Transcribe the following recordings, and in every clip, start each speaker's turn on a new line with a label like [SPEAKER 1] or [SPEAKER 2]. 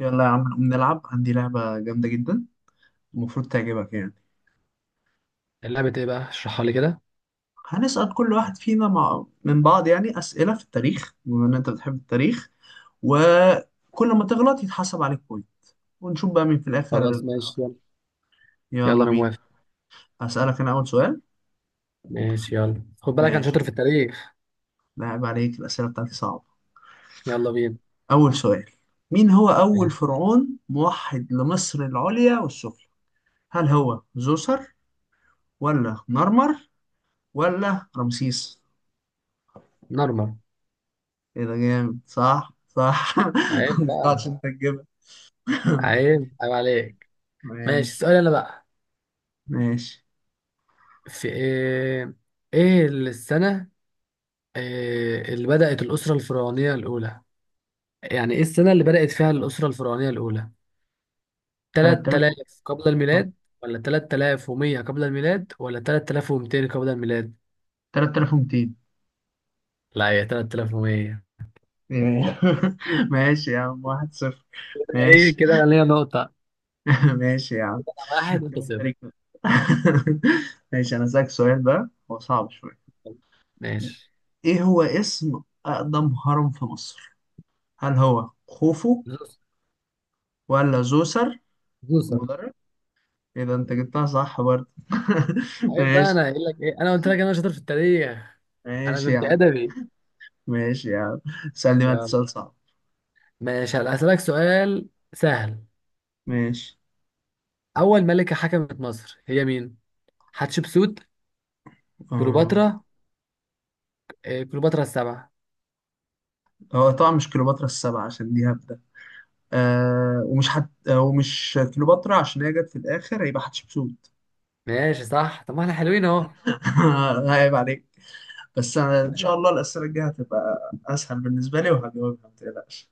[SPEAKER 1] يلا يا عم، نقوم نلعب. عندي لعبة جامدة جدا المفروض تعجبك يعني.
[SPEAKER 2] اللعبة ايه بقى؟ اشرحها لي كده.
[SPEAKER 1] هنسأل كل واحد فينا مع من بعض يعني أسئلة في التاريخ، بما إن أنت بتحب التاريخ، وكل ما تغلط يتحسب عليك بوينت ونشوف بقى مين في الآخر.
[SPEAKER 2] خلاص ماشي، يلا. يلا
[SPEAKER 1] يلا
[SPEAKER 2] انا
[SPEAKER 1] بينا.
[SPEAKER 2] موافق.
[SPEAKER 1] هسألك أنا أول سؤال.
[SPEAKER 2] ماشي يلا، خد بالك انا
[SPEAKER 1] ماشي.
[SPEAKER 2] شاطر في التاريخ.
[SPEAKER 1] لعب عليك، الأسئلة بتاعتي صعبة.
[SPEAKER 2] يلا بينا.
[SPEAKER 1] أول سؤال: مين هو أول
[SPEAKER 2] ماشي.
[SPEAKER 1] فرعون موحد لمصر العليا والسفلى؟ هل هو زوسر ولا مرمر ولا رمسيس؟
[SPEAKER 2] نورمال.
[SPEAKER 1] ايه ده جامد، صح صح
[SPEAKER 2] عيب
[SPEAKER 1] ما
[SPEAKER 2] بقى.
[SPEAKER 1] توقعتش انت تجيبها.
[SPEAKER 2] عيب عيب عليك. ماشي،
[SPEAKER 1] ماشي.
[SPEAKER 2] السؤال انا بقى.
[SPEAKER 1] ماشي.
[SPEAKER 2] في ايه؟ ايه السنة؟ إيه اللي بدأت الأسرة الفرعونية الأولى؟ يعني ايه السنة اللي بدأت فيها الأسرة الفرعونية الأولى؟
[SPEAKER 1] 3000
[SPEAKER 2] 3000 قبل
[SPEAKER 1] آه،
[SPEAKER 2] الميلاد ولا 3100 قبل الميلاد ولا 3200 قبل الميلاد؟
[SPEAKER 1] 3200.
[SPEAKER 2] لا، هي 3100.
[SPEAKER 1] إيه. ماشي يا عم، واحد صفر.
[SPEAKER 2] ايه
[SPEAKER 1] ماشي.
[SPEAKER 2] كده، انا ليا نقطة.
[SPEAKER 1] ماشي يا عم.
[SPEAKER 2] واحد انت
[SPEAKER 1] كده أنت
[SPEAKER 2] صفر.
[SPEAKER 1] ليك نقطة. ماشي، انا اسالك سؤال بقى هو صعب شويه.
[SPEAKER 2] ماشي.
[SPEAKER 1] ايه هو اسم اقدم هرم في مصر؟ هل هو خوفو
[SPEAKER 2] زوس.
[SPEAKER 1] ولا زوسر
[SPEAKER 2] زوسة.
[SPEAKER 1] المدرج؟ ايه ده، انت جبتها صح برضه.
[SPEAKER 2] عيب بقى، انا
[SPEAKER 1] ماشي.
[SPEAKER 2] قايل لك ايه، انا قلت لك انا شاطر في التاريخ.
[SPEAKER 1] ماشي
[SPEAKER 2] انا
[SPEAKER 1] يا
[SPEAKER 2] كنت
[SPEAKER 1] عم.
[SPEAKER 2] ادبي.
[SPEAKER 1] ماشي يا عم، سألني بقى
[SPEAKER 2] يلا.
[SPEAKER 1] سؤال صعب.
[SPEAKER 2] ماشي، هلا هسألك سؤال سهل.
[SPEAKER 1] ماشي.
[SPEAKER 2] اول ملكة حكمت مصر هي مين؟ حتشبسوت.
[SPEAKER 1] آه.
[SPEAKER 2] كليوباترا. إيه كليوباترا السبعة.
[SPEAKER 1] هو طبعا مش كليوباترا السبعة عشان دي هبدة. آه. ومش كليوباترا عشان هي جت في الآخر، هيبقى حتشبسوت.
[SPEAKER 2] ماشي صح، طب ما احنا حلوين اهو.
[SPEAKER 1] عيب عليك. بس أنا إن شاء
[SPEAKER 2] ماشي،
[SPEAKER 1] الله
[SPEAKER 2] ان
[SPEAKER 1] الأسئلة الجاية هتبقى أسهل بالنسبة لي وهجاوبها ما تقلقش.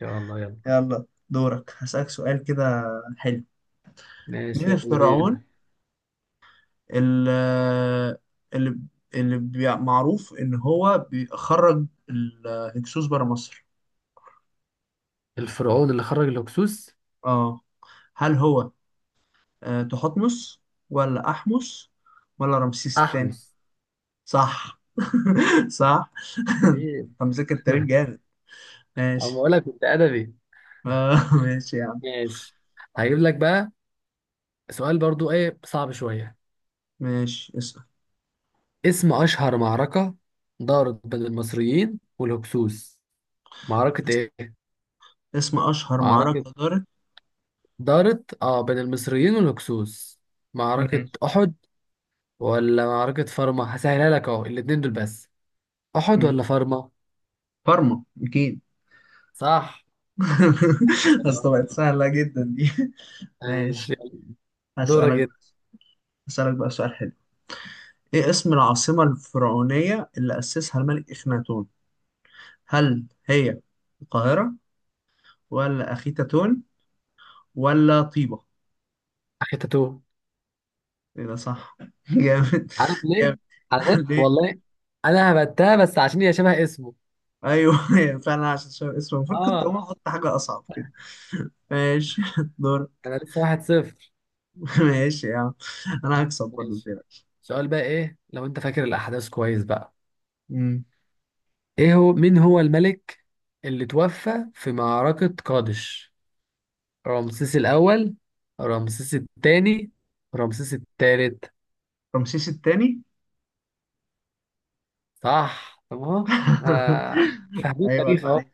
[SPEAKER 2] شاء الله، يلا.
[SPEAKER 1] يلا دورك، هسألك سؤال كده حلو.
[SPEAKER 2] ماشي
[SPEAKER 1] مين
[SPEAKER 2] يلا
[SPEAKER 1] الفرعون
[SPEAKER 2] بينا.
[SPEAKER 1] اللي اللي, اللي معروف إن هو بيخرج الهكسوس بره مصر؟
[SPEAKER 2] الفرعون اللي خرج الهكسوس.
[SPEAKER 1] اه. هل هو تحتمس ولا أحمس ولا رمسيس الثاني؟
[SPEAKER 2] احمس.
[SPEAKER 1] صح صح.
[SPEAKER 2] ايه.
[SPEAKER 1] انت مذاكر التاريخ جامد.
[SPEAKER 2] اما
[SPEAKER 1] ماشي.
[SPEAKER 2] اقول لك كنت ادبي.
[SPEAKER 1] ماشي يا عم.
[SPEAKER 2] ماشي، هجيب لك بقى سؤال برضو، ايه صعب شوية.
[SPEAKER 1] ماشي، اسأل.
[SPEAKER 2] اسم أشهر معركة دارت بين المصريين والهكسوس. معركة
[SPEAKER 1] اس-
[SPEAKER 2] إيه؟
[SPEAKER 1] اسم أشهر
[SPEAKER 2] معركة
[SPEAKER 1] معركة دارت.
[SPEAKER 2] دارت بين المصريين والهكسوس. معركة
[SPEAKER 1] ماشي.
[SPEAKER 2] أحد ولا معركة فارما؟ هسهلها لك أهو، الاتنين دول بس. أحد
[SPEAKER 1] ماشي.
[SPEAKER 2] ولا فارما؟
[SPEAKER 1] كارما أكيد.
[SPEAKER 2] صح،
[SPEAKER 1] أصل
[SPEAKER 2] والله.
[SPEAKER 1] بقت سهلة جدا دي. ماشي.
[SPEAKER 2] ماشي يلا. دورك
[SPEAKER 1] هسألك بقى
[SPEAKER 2] جدا.
[SPEAKER 1] هسألك بقى سؤال حلو. إيه اسم العاصمة الفرعونية اللي أسسها الملك إخناتون؟ هل هي القاهرة ولا أخيتاتون ولا طيبة؟
[SPEAKER 2] أخي تاتو.
[SPEAKER 1] ايه ده صح جامد
[SPEAKER 2] عارف ليه؟
[SPEAKER 1] جامد.
[SPEAKER 2] عشان
[SPEAKER 1] ليه؟
[SPEAKER 2] والله أنا هبتها بس عشان هي شبه اسمه.
[SPEAKER 1] ايوه، هي فعلا عشان شبه اسمه. المفروض كنت اقوم
[SPEAKER 2] آه.
[SPEAKER 1] احط حاجه اصعب كده. ماشي دور.
[SPEAKER 2] أنا لسه واحد صفر.
[SPEAKER 1] ماشي يا عم، انا هكسب برضه
[SPEAKER 2] ماشي،
[SPEAKER 1] متقلقش.
[SPEAKER 2] سؤال بقى، إيه لو أنت فاكر الأحداث كويس بقى.
[SPEAKER 1] أمم.
[SPEAKER 2] ايه هو؟ مين هو الملك اللي توفى في معركة قادش؟ رمسيس الأول، رمسيس الثاني، رمسيس الثالث.
[SPEAKER 1] رمسيس التاني.
[SPEAKER 2] صح، طب اهو. آه، فاهمين
[SPEAKER 1] ايوه
[SPEAKER 2] التاريخ
[SPEAKER 1] عيب
[SPEAKER 2] اهو.
[SPEAKER 1] عليك.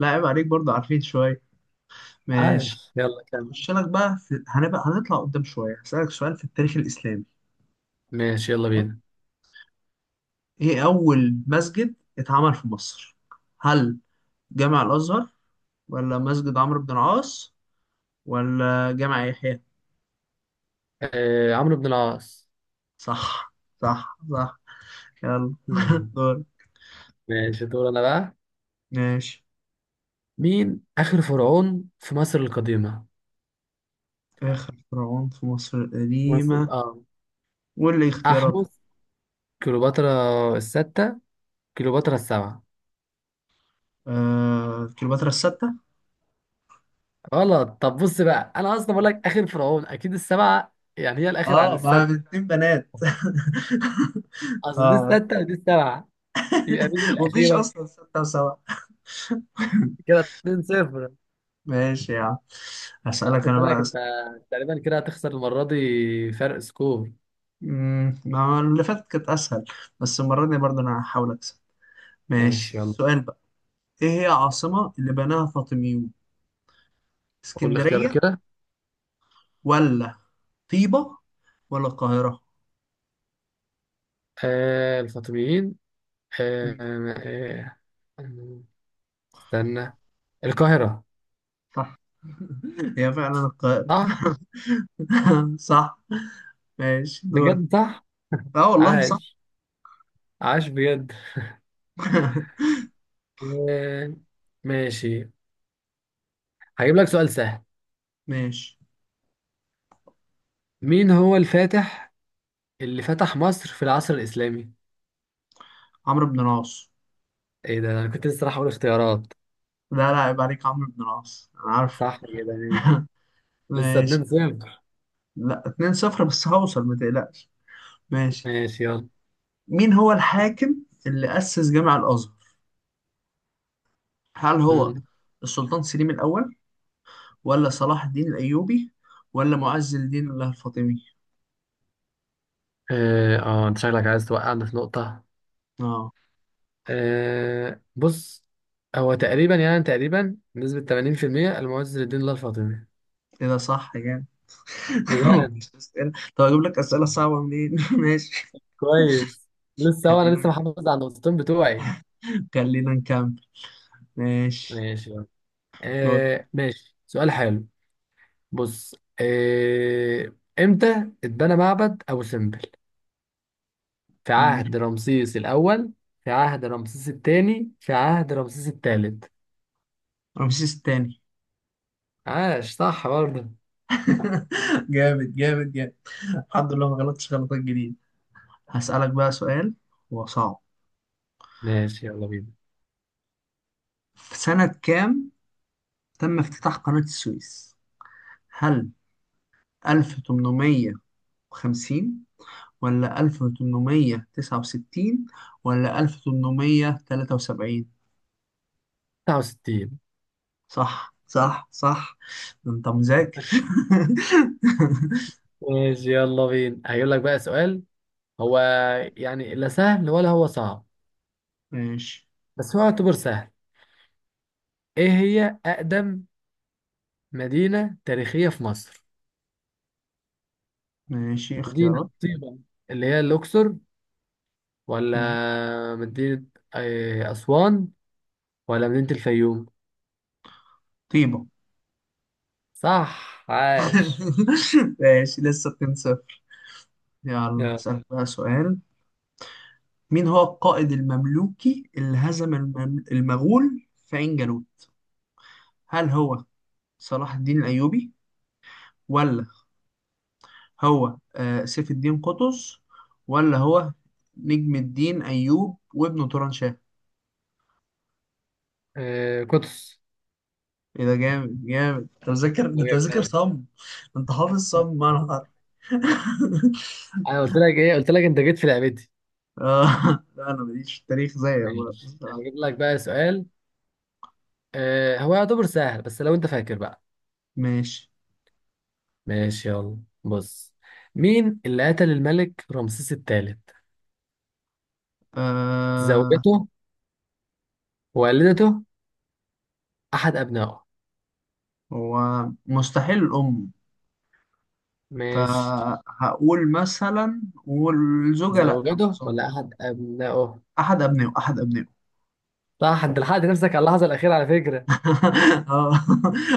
[SPEAKER 1] لا عيب عليك، برضه عارفين شويه. ماشي،
[SPEAKER 2] عاش، يلا كمل.
[SPEAKER 1] هخش لك بقى هنبقى هنطلع قدام شويه. هسألك سؤال في التاريخ الاسلامي.
[SPEAKER 2] ماشي يلا بينا.
[SPEAKER 1] ايه اول مسجد اتعمل في مصر؟ هل جامع الازهر ولا مسجد عمرو بن العاص ولا جامع يحيى؟
[SPEAKER 2] آه، عمرو بن العاص.
[SPEAKER 1] صح. صح صح. يلا
[SPEAKER 2] مم.
[SPEAKER 1] دور.
[SPEAKER 2] ماشي، دور انا بقى.
[SPEAKER 1] ماشي.
[SPEAKER 2] مين آخر فرعون في مصر القديمة؟
[SPEAKER 1] آخر فرعون في مصر
[SPEAKER 2] مصر،
[SPEAKER 1] القديمة؟
[SPEAKER 2] اه.
[SPEAKER 1] واللي اختيارات؟
[SPEAKER 2] أحمس، كليوباترا الستة، كليوباترا السبعة.
[SPEAKER 1] آه... كليوباترا الستة.
[SPEAKER 2] غلط، طب بص بقى، انا اصلا بقول لك اخر فرعون اكيد السبعه، يعني هي الاخر عن
[SPEAKER 1] اه ما هي
[SPEAKER 2] السادسه.
[SPEAKER 1] اتنين بنات.
[SPEAKER 2] اصل دي
[SPEAKER 1] اه.
[SPEAKER 2] السادسه ودي السبعه، يبقى مين
[SPEAKER 1] مفيش
[SPEAKER 2] الاخيره؟
[SPEAKER 1] اصلا ستة وسبعة.
[SPEAKER 2] كده 2 0.
[SPEAKER 1] ماشي يا عم.
[SPEAKER 2] لا،
[SPEAKER 1] هسألك
[SPEAKER 2] خد
[SPEAKER 1] انا
[SPEAKER 2] بالك
[SPEAKER 1] بقى
[SPEAKER 2] انت
[SPEAKER 1] أسئلة.
[SPEAKER 2] تقريبا كده هتخسر المره دي فرق سكور.
[SPEAKER 1] أمم، ما اللي فاتت كانت اسهل، بس المرة دي برضه انا هحاول اكسب. ماشي،
[SPEAKER 2] ماشي يلا.
[SPEAKER 1] السؤال بقى. ايه هي عاصمة اللي بناها فاطميون؟
[SPEAKER 2] قول لي اختيارك
[SPEAKER 1] اسكندرية
[SPEAKER 2] كده.
[SPEAKER 1] ولا طيبة ولا القاهرة؟
[SPEAKER 2] آه، الفاطميين. آه، آه. آه، استنى. القاهره.
[SPEAKER 1] صح. هي فعلا القاهرة.
[SPEAKER 2] صح.
[SPEAKER 1] صح. ماشي دورك.
[SPEAKER 2] بجد صح.
[SPEAKER 1] اه والله صح.
[SPEAKER 2] عاش. عاش بجد. آه. ماشي، هجيب لك سؤال سهل.
[SPEAKER 1] ماشي.
[SPEAKER 2] مين هو الفاتح اللي فتح مصر في العصر الإسلامي؟
[SPEAKER 1] عمرو بن العاص.
[SPEAKER 2] ايه ده، انا كنت لسه راح اقول اختيارات.
[SPEAKER 1] لا لا، عيب عليك. عمرو بن العاص، انا عارف.
[SPEAKER 2] صح كده، ماشي. لسه
[SPEAKER 1] ماشي.
[SPEAKER 2] 2 0.
[SPEAKER 1] لا 2 صفر، بس هوصل ما تقلقش. ماشي.
[SPEAKER 2] ماشي يلا.
[SPEAKER 1] مين هو الحاكم اللي أسس جامع الأزهر؟ هل هو
[SPEAKER 2] مم.
[SPEAKER 1] السلطان سليم الأول ولا صلاح الدين الأيوبي ولا معز الدين الله الفاطمي؟
[SPEAKER 2] اه، انت شكلك عايز توقعنا في نقطة.
[SPEAKER 1] اه
[SPEAKER 2] بص، هو تقريبا، بنسبة 80%، المعز لدين الله الفاطمي.
[SPEAKER 1] كده صح يعني.
[SPEAKER 2] بجد،
[SPEAKER 1] طب اجيب لك أسئلة صعبة منين؟ ماشي.
[SPEAKER 2] كويس. لسه هو، انا
[SPEAKER 1] خلينا
[SPEAKER 2] لسه محافظ على النقطتين بتوعي.
[SPEAKER 1] خلينا نكمل. ماشي
[SPEAKER 2] ماشي يلا.
[SPEAKER 1] دور.
[SPEAKER 2] ماشي، سؤال حلو. بص. آه. امتى اتبنى معبد ابو سمبل؟ في
[SPEAKER 1] اديني.
[SPEAKER 2] عهد رمسيس الأول، في عهد رمسيس الثاني، في عهد رمسيس الثالث.
[SPEAKER 1] رمسيس التاني.
[SPEAKER 2] عاش، صح برضه.
[SPEAKER 1] جامد جامد جامد. الحمد لله ما غلطتش غلطات جديدة. هسألك بقى سؤال، هو صعب.
[SPEAKER 2] ماشي يلا بينا.
[SPEAKER 1] في سنة كام تم افتتاح قناة السويس؟ هل 1850 ولا 1869 ولا 1873؟
[SPEAKER 2] 69.
[SPEAKER 1] صح صح صح. ده انت مذاكر.
[SPEAKER 2] ماشي يلا بينا، هيقول لك بقى سؤال، هو يعني لا سهل ولا هو صعب،
[SPEAKER 1] ماشي.
[SPEAKER 2] بس هو يعتبر سهل. ايه هي أقدم مدينة تاريخية في مصر؟
[SPEAKER 1] ماشي،
[SPEAKER 2] مدينة
[SPEAKER 1] اختيارات.
[SPEAKER 2] طيبة اللي هي الأقصر، ولا
[SPEAKER 1] مم.
[SPEAKER 2] مدينة أسوان، ولا مدينة الفيوم؟
[SPEAKER 1] طيبة.
[SPEAKER 2] صح، عاش.
[SPEAKER 1] ماشي، لسه 2-0. يلا
[SPEAKER 2] يلا.
[SPEAKER 1] اسألك بقى سؤال. مين هو القائد المملوكي اللي هزم المغول في عين جالوت؟ هل هو صلاح الدين الأيوبي ولا هو سيف الدين قطز ولا هو نجم الدين أيوب وابنه توران شاه؟
[SPEAKER 2] آه، قدس.
[SPEAKER 1] ايه ده جامد جامد، انت مذاكر، انت مذاكر صم. انت حافظ صم معنى
[SPEAKER 2] انا
[SPEAKER 1] حرف.
[SPEAKER 2] قلت لك ايه، قلت لك انت جيت في لعبتي.
[SPEAKER 1] آه. لا انا ماليش في التاريخ زيك بقى
[SPEAKER 2] ماشي،
[SPEAKER 1] بصراحة.
[SPEAKER 2] هجيب لك بقى سؤال. هو يعتبر سهل بس لو انت فاكر بقى.
[SPEAKER 1] ماشي.
[SPEAKER 2] ماشي يلا، بص. مين اللي قتل الملك رمسيس الثالث؟
[SPEAKER 1] آه.
[SPEAKER 2] زوجته، والدته، احد ابنائه.
[SPEAKER 1] هو مستحيل الأم،
[SPEAKER 2] ماشي.
[SPEAKER 1] فهقول مثلا والزوجة لأ ما
[SPEAKER 2] زوجته ولا
[SPEAKER 1] أظنش.
[SPEAKER 2] احد ابنائه؟
[SPEAKER 1] أحد أبنائه.
[SPEAKER 2] صح، انت لحقت نفسك على اللحظه الاخيره على فكره.
[SPEAKER 1] اه.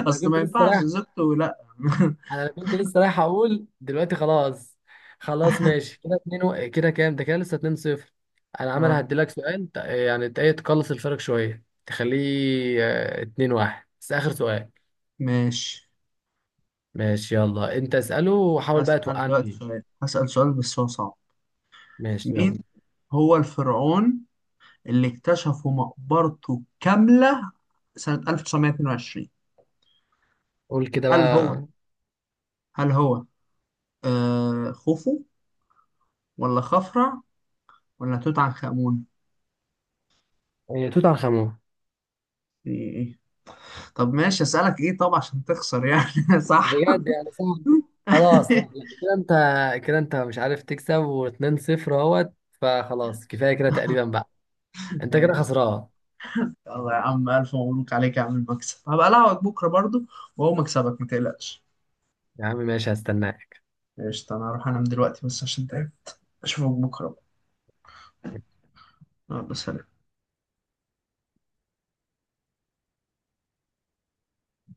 [SPEAKER 2] انا
[SPEAKER 1] أصل
[SPEAKER 2] كنت
[SPEAKER 1] ما
[SPEAKER 2] لسه
[SPEAKER 1] ينفعش
[SPEAKER 2] رايح
[SPEAKER 1] زوجته لأ.
[SPEAKER 2] انا كنت لسه رايح اقول دلوقتي خلاص. خلاص ماشي، كده اتنين كده كام ده، كده لسه 2 0. انا عمال
[SPEAKER 1] اه.
[SPEAKER 2] هديلك سؤال يعني ايه تقلص الفرق شويه، تخليه 2 1، بس اخر سؤال.
[SPEAKER 1] ماشي.
[SPEAKER 2] ماشي يلا، انت اساله وحاول بقى توقعني فيه.
[SPEAKER 1] هسأل سؤال بس هو صعب.
[SPEAKER 2] ماشي
[SPEAKER 1] مين
[SPEAKER 2] يلا.
[SPEAKER 1] هو الفرعون اللي اكتشفوا مقبرته كاملة سنة 1922؟
[SPEAKER 2] قول كده
[SPEAKER 1] هل هو
[SPEAKER 2] بقى.
[SPEAKER 1] هل هو خوفو ولا خفرع ولا توت عنخ آمون؟
[SPEAKER 2] توت عنخ امون.
[SPEAKER 1] إيه. إيه. طب ماشي، اسألك ايه طب عشان تخسر يعني؟ صح.
[SPEAKER 2] بجد يعني صعب. خلاص لا، لا، كده انت مش عارف تكسب و2 0 اهوت. فخلاص كفايه كده تقريبا بقى. انت كده
[SPEAKER 1] ماشي.
[SPEAKER 2] خسران.
[SPEAKER 1] يلا يا عم، ألف مبروك عليك يا عم المكسب. هبقى ألعبك بكرة برضو وهو مكسبك متقلقش.
[SPEAKER 2] يا عم ماشي، هستناك.
[SPEAKER 1] قشطة. أنا هروح أنام دلوقتي بس عشان تعب. أشوفك بكرة بقى. يلا سلام.